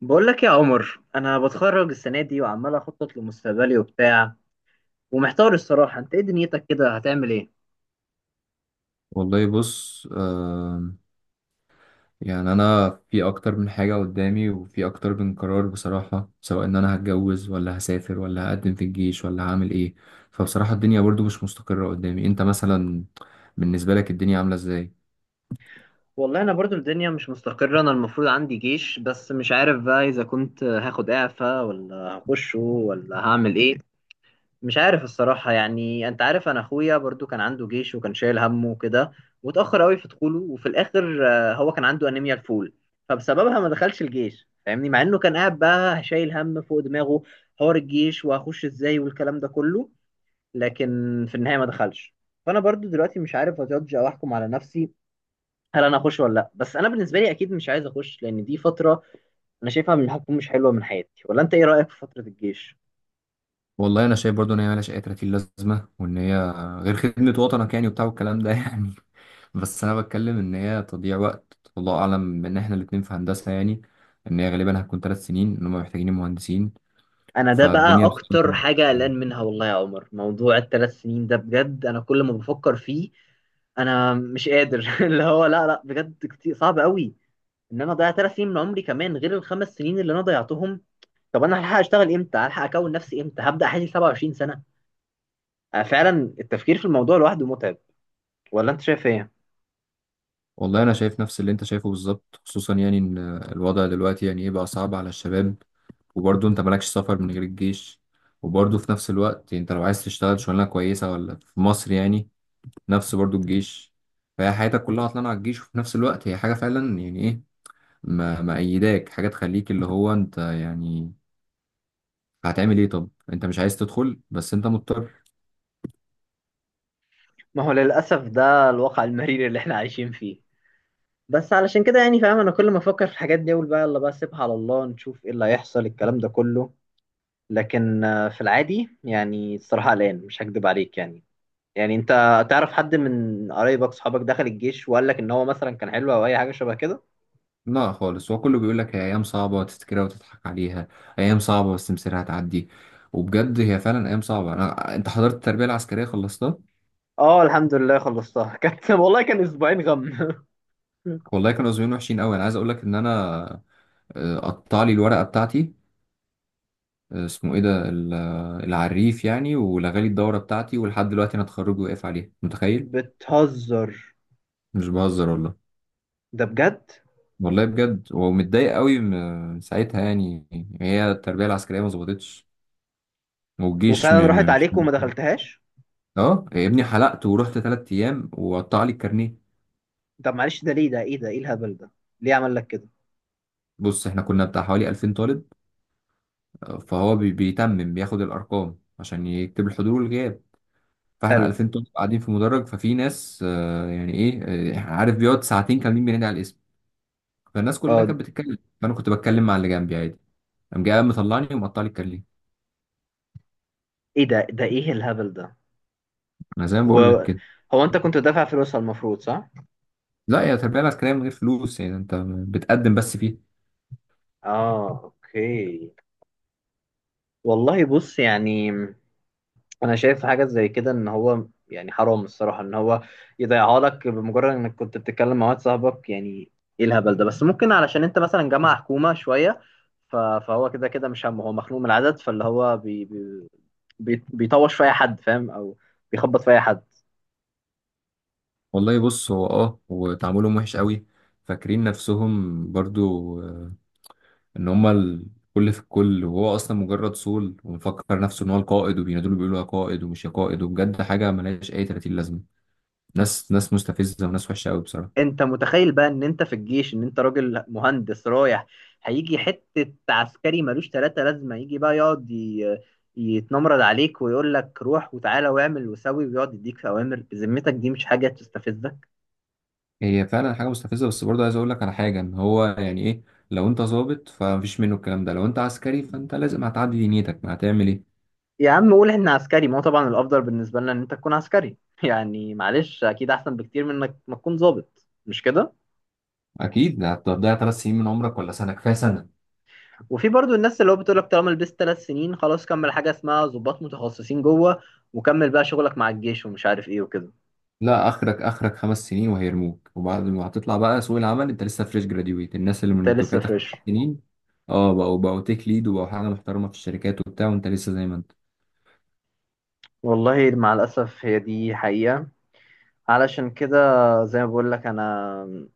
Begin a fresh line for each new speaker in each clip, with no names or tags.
بقول لك يا عمر، انا بتخرج السنه دي وعمال اخطط لمستقبلي وبتاع، ومحتار الصراحه. انت ايه دنيتك كده؟ هتعمل ايه؟
والله بص، أنا في أكتر من حاجة قدامي وفي أكتر من قرار بصراحة، سواء إن أنا هتجوز ولا هسافر ولا هقدم في الجيش ولا هعمل إيه. فبصراحة الدنيا برضو مش مستقرة قدامي. أنت مثلا بالنسبة لك الدنيا عاملة إزاي؟
والله انا برضو الدنيا مش مستقره. انا المفروض عندي جيش، بس مش عارف بقى اذا كنت هاخد اعفاء ولا هخشه ولا هعمل ايه. مش عارف الصراحة. يعني انت عارف، انا اخويا برضو كان عنده جيش وكان شايل همه وكده، واتأخر قوي في دخوله، وفي الاخر هو كان عنده انيميا الفول، فبسببها ما دخلش الجيش، فاهمني؟ مع انه كان قاعد بقى شايل هم فوق دماغه، حوار الجيش وهخش ازاي والكلام ده كله. لكن في النهاية ما دخلش. فانا برضو دلوقتي مش عارف اجادج او احكم على نفسي هل انا اخش ولا لا. بس انا بالنسبة لي اكيد مش عايز اخش، لان دي فترة انا شايفها من الحكم مش حلوة من حياتي. ولا انت ايه رأيك في فترة الجيش؟
والله أنا شايف برضو إن هي ملهاش أي 30 لازمة، وإن هي غير خدمة وطنك يعني وبتاع والكلام ده يعني. بس أنا بتكلم إن هي تضييع وقت، الله أعلم، إن إحنا الاتنين في هندسة يعني إن هي غالبا هتكون ثلاث سنين، إن هم محتاجين مهندسين.
انا ده بقى
فالدنيا بصراحة.
اكتر حاجه قلقان منها والله يا عمر. موضوع الثلاث سنين ده بجد انا كل ما بفكر فيه انا مش قادر اللي هو لا لا، بجد كتير صعب قوي ان انا اضيع 3 سنين من عمري، كمان غير الخمس سنين اللي انا ضيعتهم. طب انا هلحق اشتغل امتى؟ هلحق اكون نفسي امتى؟ هبدا حياتي 27 سنه؟ أنا فعلا التفكير في الموضوع لوحده متعب. ولا انت شايف ايه؟
والله انا شايف نفس اللي انت شايفه بالظبط، خصوصا يعني ان الوضع دلوقتي يعني ايه بقى صعب على الشباب، وبرضه انت مالكش سفر من غير الجيش، وبرضه في نفس الوقت انت لو عايز تشتغل شغلانه كويسه ولا في مصر يعني نفس برضه الجيش. فهي حياتك كلها عطلانه على الجيش، وفي نفس الوقت هي حاجه فعلا يعني ايه، ما مأيداك حاجه تخليك اللي هو انت يعني هتعمل ايه. طب انت مش عايز تدخل بس انت مضطر.
ما هو للاسف ده الواقع المرير اللي احنا عايشين فيه. بس علشان كده يعني فاهم، انا كل ما افكر في الحاجات دي اقول بقى يلا بقى سيبها على الله، نشوف ايه اللي هيحصل الكلام ده كله. لكن في العادي يعني الصراحة قلقان مش هكدب عليك يعني. يعني انت تعرف حد من قرايبك صحابك دخل الجيش وقال لك ان هو مثلا كان حلو او اي حاجة شبه كده؟
لا خالص، هو كله بيقول لك هي ايام صعبه وتفتكرها وتضحك عليها. ايام صعبه بس مصيرها هتعدي. وبجد هي فعلا ايام صعبه. انا انت حضرت التربيه العسكريه خلصتها.
اه، الحمد لله خلصتها كانت، والله كان اسبوعين غم
والله كانوا زمان وحشين قوي. انا عايز اقول لك ان انا قطع لي الورقه بتاعتي. اسمه ايه ده العريف يعني ولغالي الدوره بتاعتي، ولحد دلوقتي انا اتخرج واقف عليها متخيل.
بتهزر؟
مش بهزر والله.
ده بجد.
والله بجد، ومتضايق قوي من ساعتها يعني. هي التربيه العسكريه ما ظبطتش، والجيش
وفعلا راحت
مش.
عليك وما دخلتهاش.
اه يا ابني، حلقت ورحت تلات ايام وقطع لي الكارنيه.
طب معلش، ده ليه؟ ده ايه؟ ده ايه الهبل ده؟ ليه عمل لك كده؟
بص احنا كنا بتاع حوالي 2000 طالب. فهو بيتمم بياخد الارقام عشان يكتب الحضور والغياب. فاحنا
حلو.
2000 طالب قاعدين في مدرج، ففي ناس يعني ايه، عارف، بيقعد ساعتين كاملين بينادي على الاسم. فالناس كلها
اه.
كانت بتتكلم، فانا كنت بتكلم مع اللي جنبي عادي. قام جاي قام مطلعني ومقطع لي الكارنيه.
ايه ده ايه الهبل ده؟
انا زي ما بقول لك كده.
وهو انت كنت دافع فلوسها المفروض، صح؟
لا يا تربيه العسكريه من غير فلوس، يعني انت بتقدم بس فيه.
اه، اوكي. والله بص يعني، انا شايف حاجه زي كده ان هو يعني حرام الصراحه، ان هو يضيعها لك بمجرد انك كنت بتتكلم مع واحد صاحبك يعني. ايه الهبل ده؟ بس ممكن علشان انت مثلا جامعه حكومه شويه، فهو كده كده مش همه، هو مخنوق من العدد، فاللي هو بيطوش في اي حد، فاهم؟ او بيخبط في اي حد.
والله بص، هو اه، وتعاملهم وحش قوي. فاكرين نفسهم برضو ان هما الكل في الكل، وهو اصلا مجرد صول ومفكر نفسه ان هو القائد، وبينادوا بيقولوا يا قائد ومش يا قائد. وبجد حاجه ملهاش اي 30 لازمه. ناس مستفزه وناس وحشه قوي بصراحه.
انت متخيل بقى ان انت في الجيش، ان انت راجل مهندس رايح، هيجي حتة عسكري ملوش تلاتة لازمة يجي بقى يقعد يتنمرد عليك ويقول لك روح وتعالى واعمل وسوي ويقعد يديك اوامر؟ بذمتك دي مش حاجة تستفزك؟
هي فعلا حاجه مستفزه، بس برضه عايز اقول لك على حاجه، ان هو يعني ايه لو انت ظابط فمفيش منه الكلام ده، لو انت عسكري فانت لازم هتعدي دنيتك، ما هتعمل ايه.
يا عم قول ان عسكري، ما هو طبعا الافضل بالنسبة لنا ان انت تكون عسكري يعني. معلش، اكيد احسن بكتير من انك ما تكون ضابط، مش كده؟
اكيد هتضيع ثلاث سنين من عمرك، ولا سنه كفايه سنه.
وفي برضو الناس اللي هو بتقول لك طالما لبست 3 سنين خلاص، كمل. حاجة اسمها ضباط متخصصين جوه، وكمل بقى شغلك مع الجيش ومش عارف ايه وكده.
لا، اخرك اخرك خمس سنين وهيرموك، وبعد ما هتطلع بقى سوق العمل انت لسه فريش جراديويت، الناس اللي
انت
من
لسه
دفعتك
فريش.
خمس سنين اه بقوا تيك ليد وبقوا حاجه محترمه في الشركات وبتاع، وانت لسه زي ما انت.
والله مع الأسف، هي دي حقيقة. علشان كده، زي ما بقول لك، أنا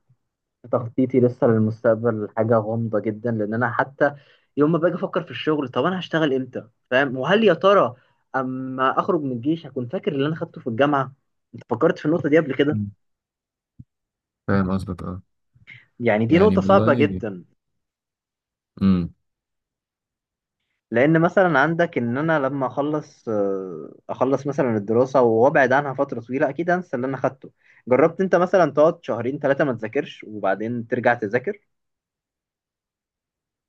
تخطيطي لسه للمستقبل حاجة غامضة جدا، لأن أنا حتى يوم ما باجي أفكر في الشغل، طب أنا هشتغل إمتى؟ فاهم؟ وهل يا ترى أما أخرج من الجيش هكون فاكر اللي أنا خدته في الجامعة؟ أنت فكرت في النقطة دي قبل كده؟
مم. فاهم قصدك اه.
يعني دي
يعني
نقطة صعبة
والله
جدا.
امم
لأن مثلا عندك إن أنا لما أخلص مثلا الدراسة وأبعد عنها فترة طويلة أكيد أنسى اللي أنا خدته. جربت أنت مثلا تقعد شهرين ثلاثة ما تذاكرش وبعدين ترجع تذاكر؟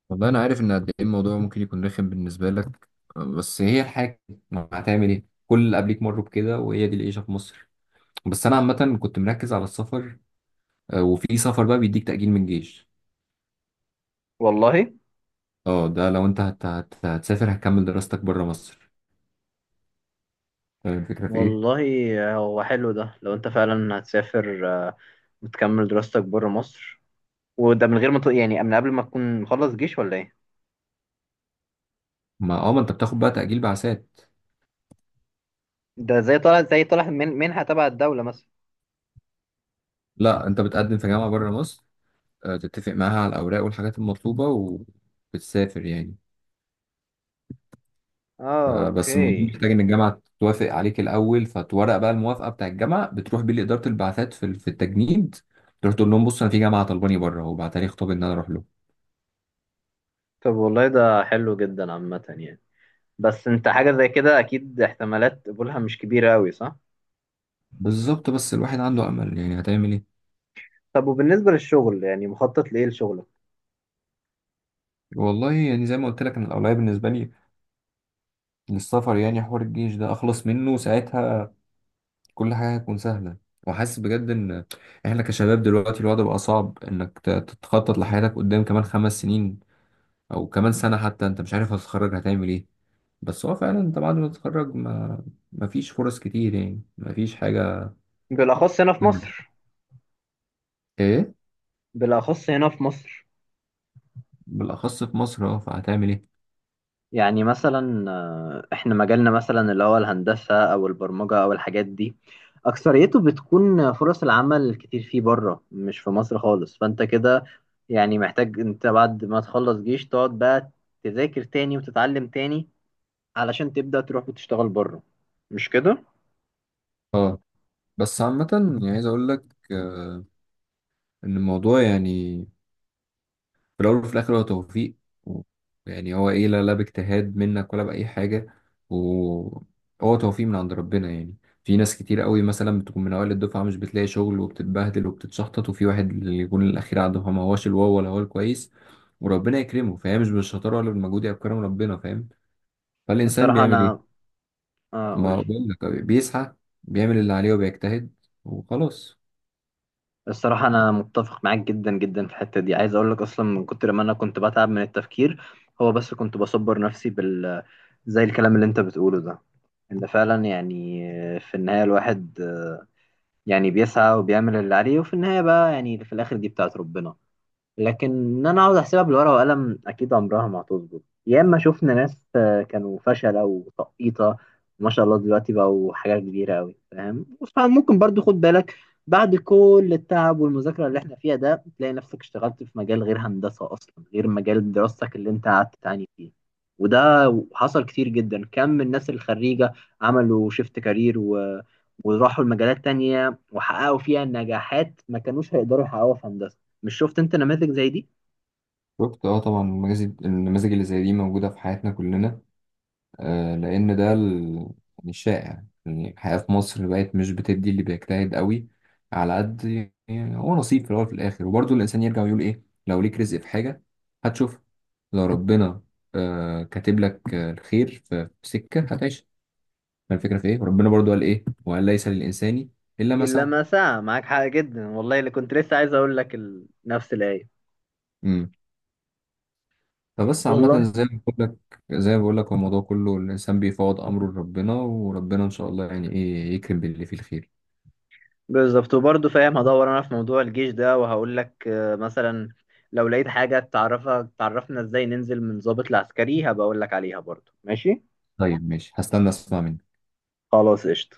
والله انا عارف ان قد ايه الموضوع ممكن يكون رخم بالنسبه لك، بس هي الحاجه، ما هتعمل ايه، كل اللي قبليك مروا بكده وهي دي العيشه في مصر. بس انا عامه كنت مركز على السفر. وفي سفر بقى بيديك تاجيل من الجيش.
والله.
اه ده لو انت هتسافر هتكمل دراستك بره مصر. طيب الفكرة في إيه؟
والله هو حلو ده لو انت فعلا هتسافر وتكمل دراستك بره مصر. وده من غير ما يعني من قبل ما تكون مخلص جيش ولا ايه؟
ما أه ما أنت بتاخد بقى تأجيل بعثات.
ده زي طالع من منحة تبع الدولة مثلا؟
لا أنت بتقدم في جامعة بره مصر، تتفق معاها على الأوراق والحاجات المطلوبة وبتسافر يعني.
اه،
بس الموضوع
اوكي.
محتاج إن الجامعة توافق عليك الأول، فتورق بقى الموافقة بتاع الجامعة بتروح بيه لإدارة البعثات في في التجنيد. تروح تقول لهم بص أنا في جامعة طلباني بره وبعت لي خطاب إن أنا أروح له.
طب والله ده حلو جدا عامة يعني. بس انت حاجة زي كده اكيد احتمالات قبولها مش كبيرة اوي، صح؟
بالظبط، بس الواحد عنده أمل، يعني هتعمل إيه؟
طب وبالنسبة للشغل يعني مخطط لايه لشغلك؟
والله يعني زي ما قلت لك أنا الأولوية بالنسبة لي للسفر. يعني حوار الجيش ده أخلص منه ساعتها، كل حاجة هتكون سهلة. وحاسس بجد إن إحنا كشباب دلوقتي الوضع بقى صعب إنك تتخطط لحياتك قدام كمان خمس سنين أو كمان سنة حتى. أنت مش عارف هتتخرج هتعمل إيه، بس هو فعلا أنت بعد ما تتخرج ما مفيش فرص كتير يعني، مفيش حاجة.
بالاخص هنا في مصر.
إيه.
بالاخص هنا في مصر.
بالأخص في مصر أه، فهتعمل إيه.
يعني مثلا احنا مجالنا مثلا اللي هو الهندسة او البرمجة او الحاجات دي، اكثريته بتكون فرص العمل كتير فيه بره، مش في مصر خالص. فانت كده يعني محتاج انت بعد ما تخلص جيش تقعد بقى تذاكر تاني وتتعلم تاني علشان تبدأ تروح وتشتغل بره، مش كده؟
أه، بس عامة يعني عايز أقول لك آه، إن الموضوع يعني في الأول وفي الآخر هو توفيق، و- يعني هو إيه، لا باجتهاد منك ولا بأي حاجة، وهو توفيق من عند ربنا يعني. في ناس كتير قوي مثلا بتكون من أوائل الدفعة مش بتلاقي شغل وبتتبهدل وبتتشحطط، وفي واحد اللي يكون الأخير عنده ما هوش الواو ولا هو الكويس، وربنا يكرمه. فهي مش بالشطارة ولا بالمجهود، هي بكرم ربنا فاهم. فالإنسان
الصراحة
بيعمل
انا
إيه؟ ما
اقول
بقول لك بيسعى، بيعمل اللي عليه وبيجتهد وخلاص.
الصراحة أنا متفق معاك جدا جدا في الحتة دي. عايز أقول لك أصلا من كتر ما أنا كنت بتعب من التفكير، هو بس كنت بصبر نفسي زي الكلام اللي أنت بتقوله ده. إن فعلا يعني في النهاية الواحد يعني بيسعى وبيعمل اللي عليه، وفي النهاية بقى يعني في الآخر دي بتاعت ربنا. لكن ان انا اقعد احسبها بالورقه والقلم اكيد عمرها ما هتظبط. يا اما شفنا ناس كانوا فشله وتقيطه، ما شاء الله دلوقتي بقوا حاجه كبيره قوي، فاهم؟ فممكن برضو خد بالك، بعد كل التعب والمذاكره اللي احنا فيها ده تلاقي نفسك اشتغلت في مجال غير هندسه اصلا، غير مجال دراستك اللي انت قعدت تعاني فيه. وده حصل كتير جدا. كم من الناس الخريجه عملوا شيفت كارير وراحوا لمجالات تانية وحققوا فيها نجاحات ما كانوش هيقدروا يحققوها في هندسه. مش شفت انت نماذج زي دي؟
شفت اه، طبعا المزاج اللي زي دي موجودة في حياتنا كلنا. لأن ده يعني الشائع، يعني الحياة في مصر بقت مش بتدي اللي بيجتهد قوي على قد، يعني هو نصيب في الأول وفي الآخر. وبرضه الإنسان يرجع ويقول إيه، لو ليك رزق في حاجة هتشوف. لو ربنا كاتب لك الخير في في سكة هتعيش. فالفكرة في إيه، ربنا برضه قال إيه وقال ليس للإنسان إلا ما
إلا
سعى.
ما ساعة. معاك حق جدا والله، اللي كنت لسه عايز أقول لك نفس الآية.
امم فبس عامة
والله
زي ما بقول لك، هو الموضوع كله الإنسان بيفوض أمره لربنا، وربنا إن شاء الله يعني إيه يكرم باللي فيه الخير.
بالظبط. وبرضه فاهم، هدور أنا في موضوع الجيش ده وهقول لك مثلا لو لقيت حاجة تعرفها تعرفنا إزاي ننزل من ضابط لعسكري، هبقى أقول لك عليها برضه، ماشي؟
طيب ماشي، هستنى أسمع منك.
خلاص، قشطة.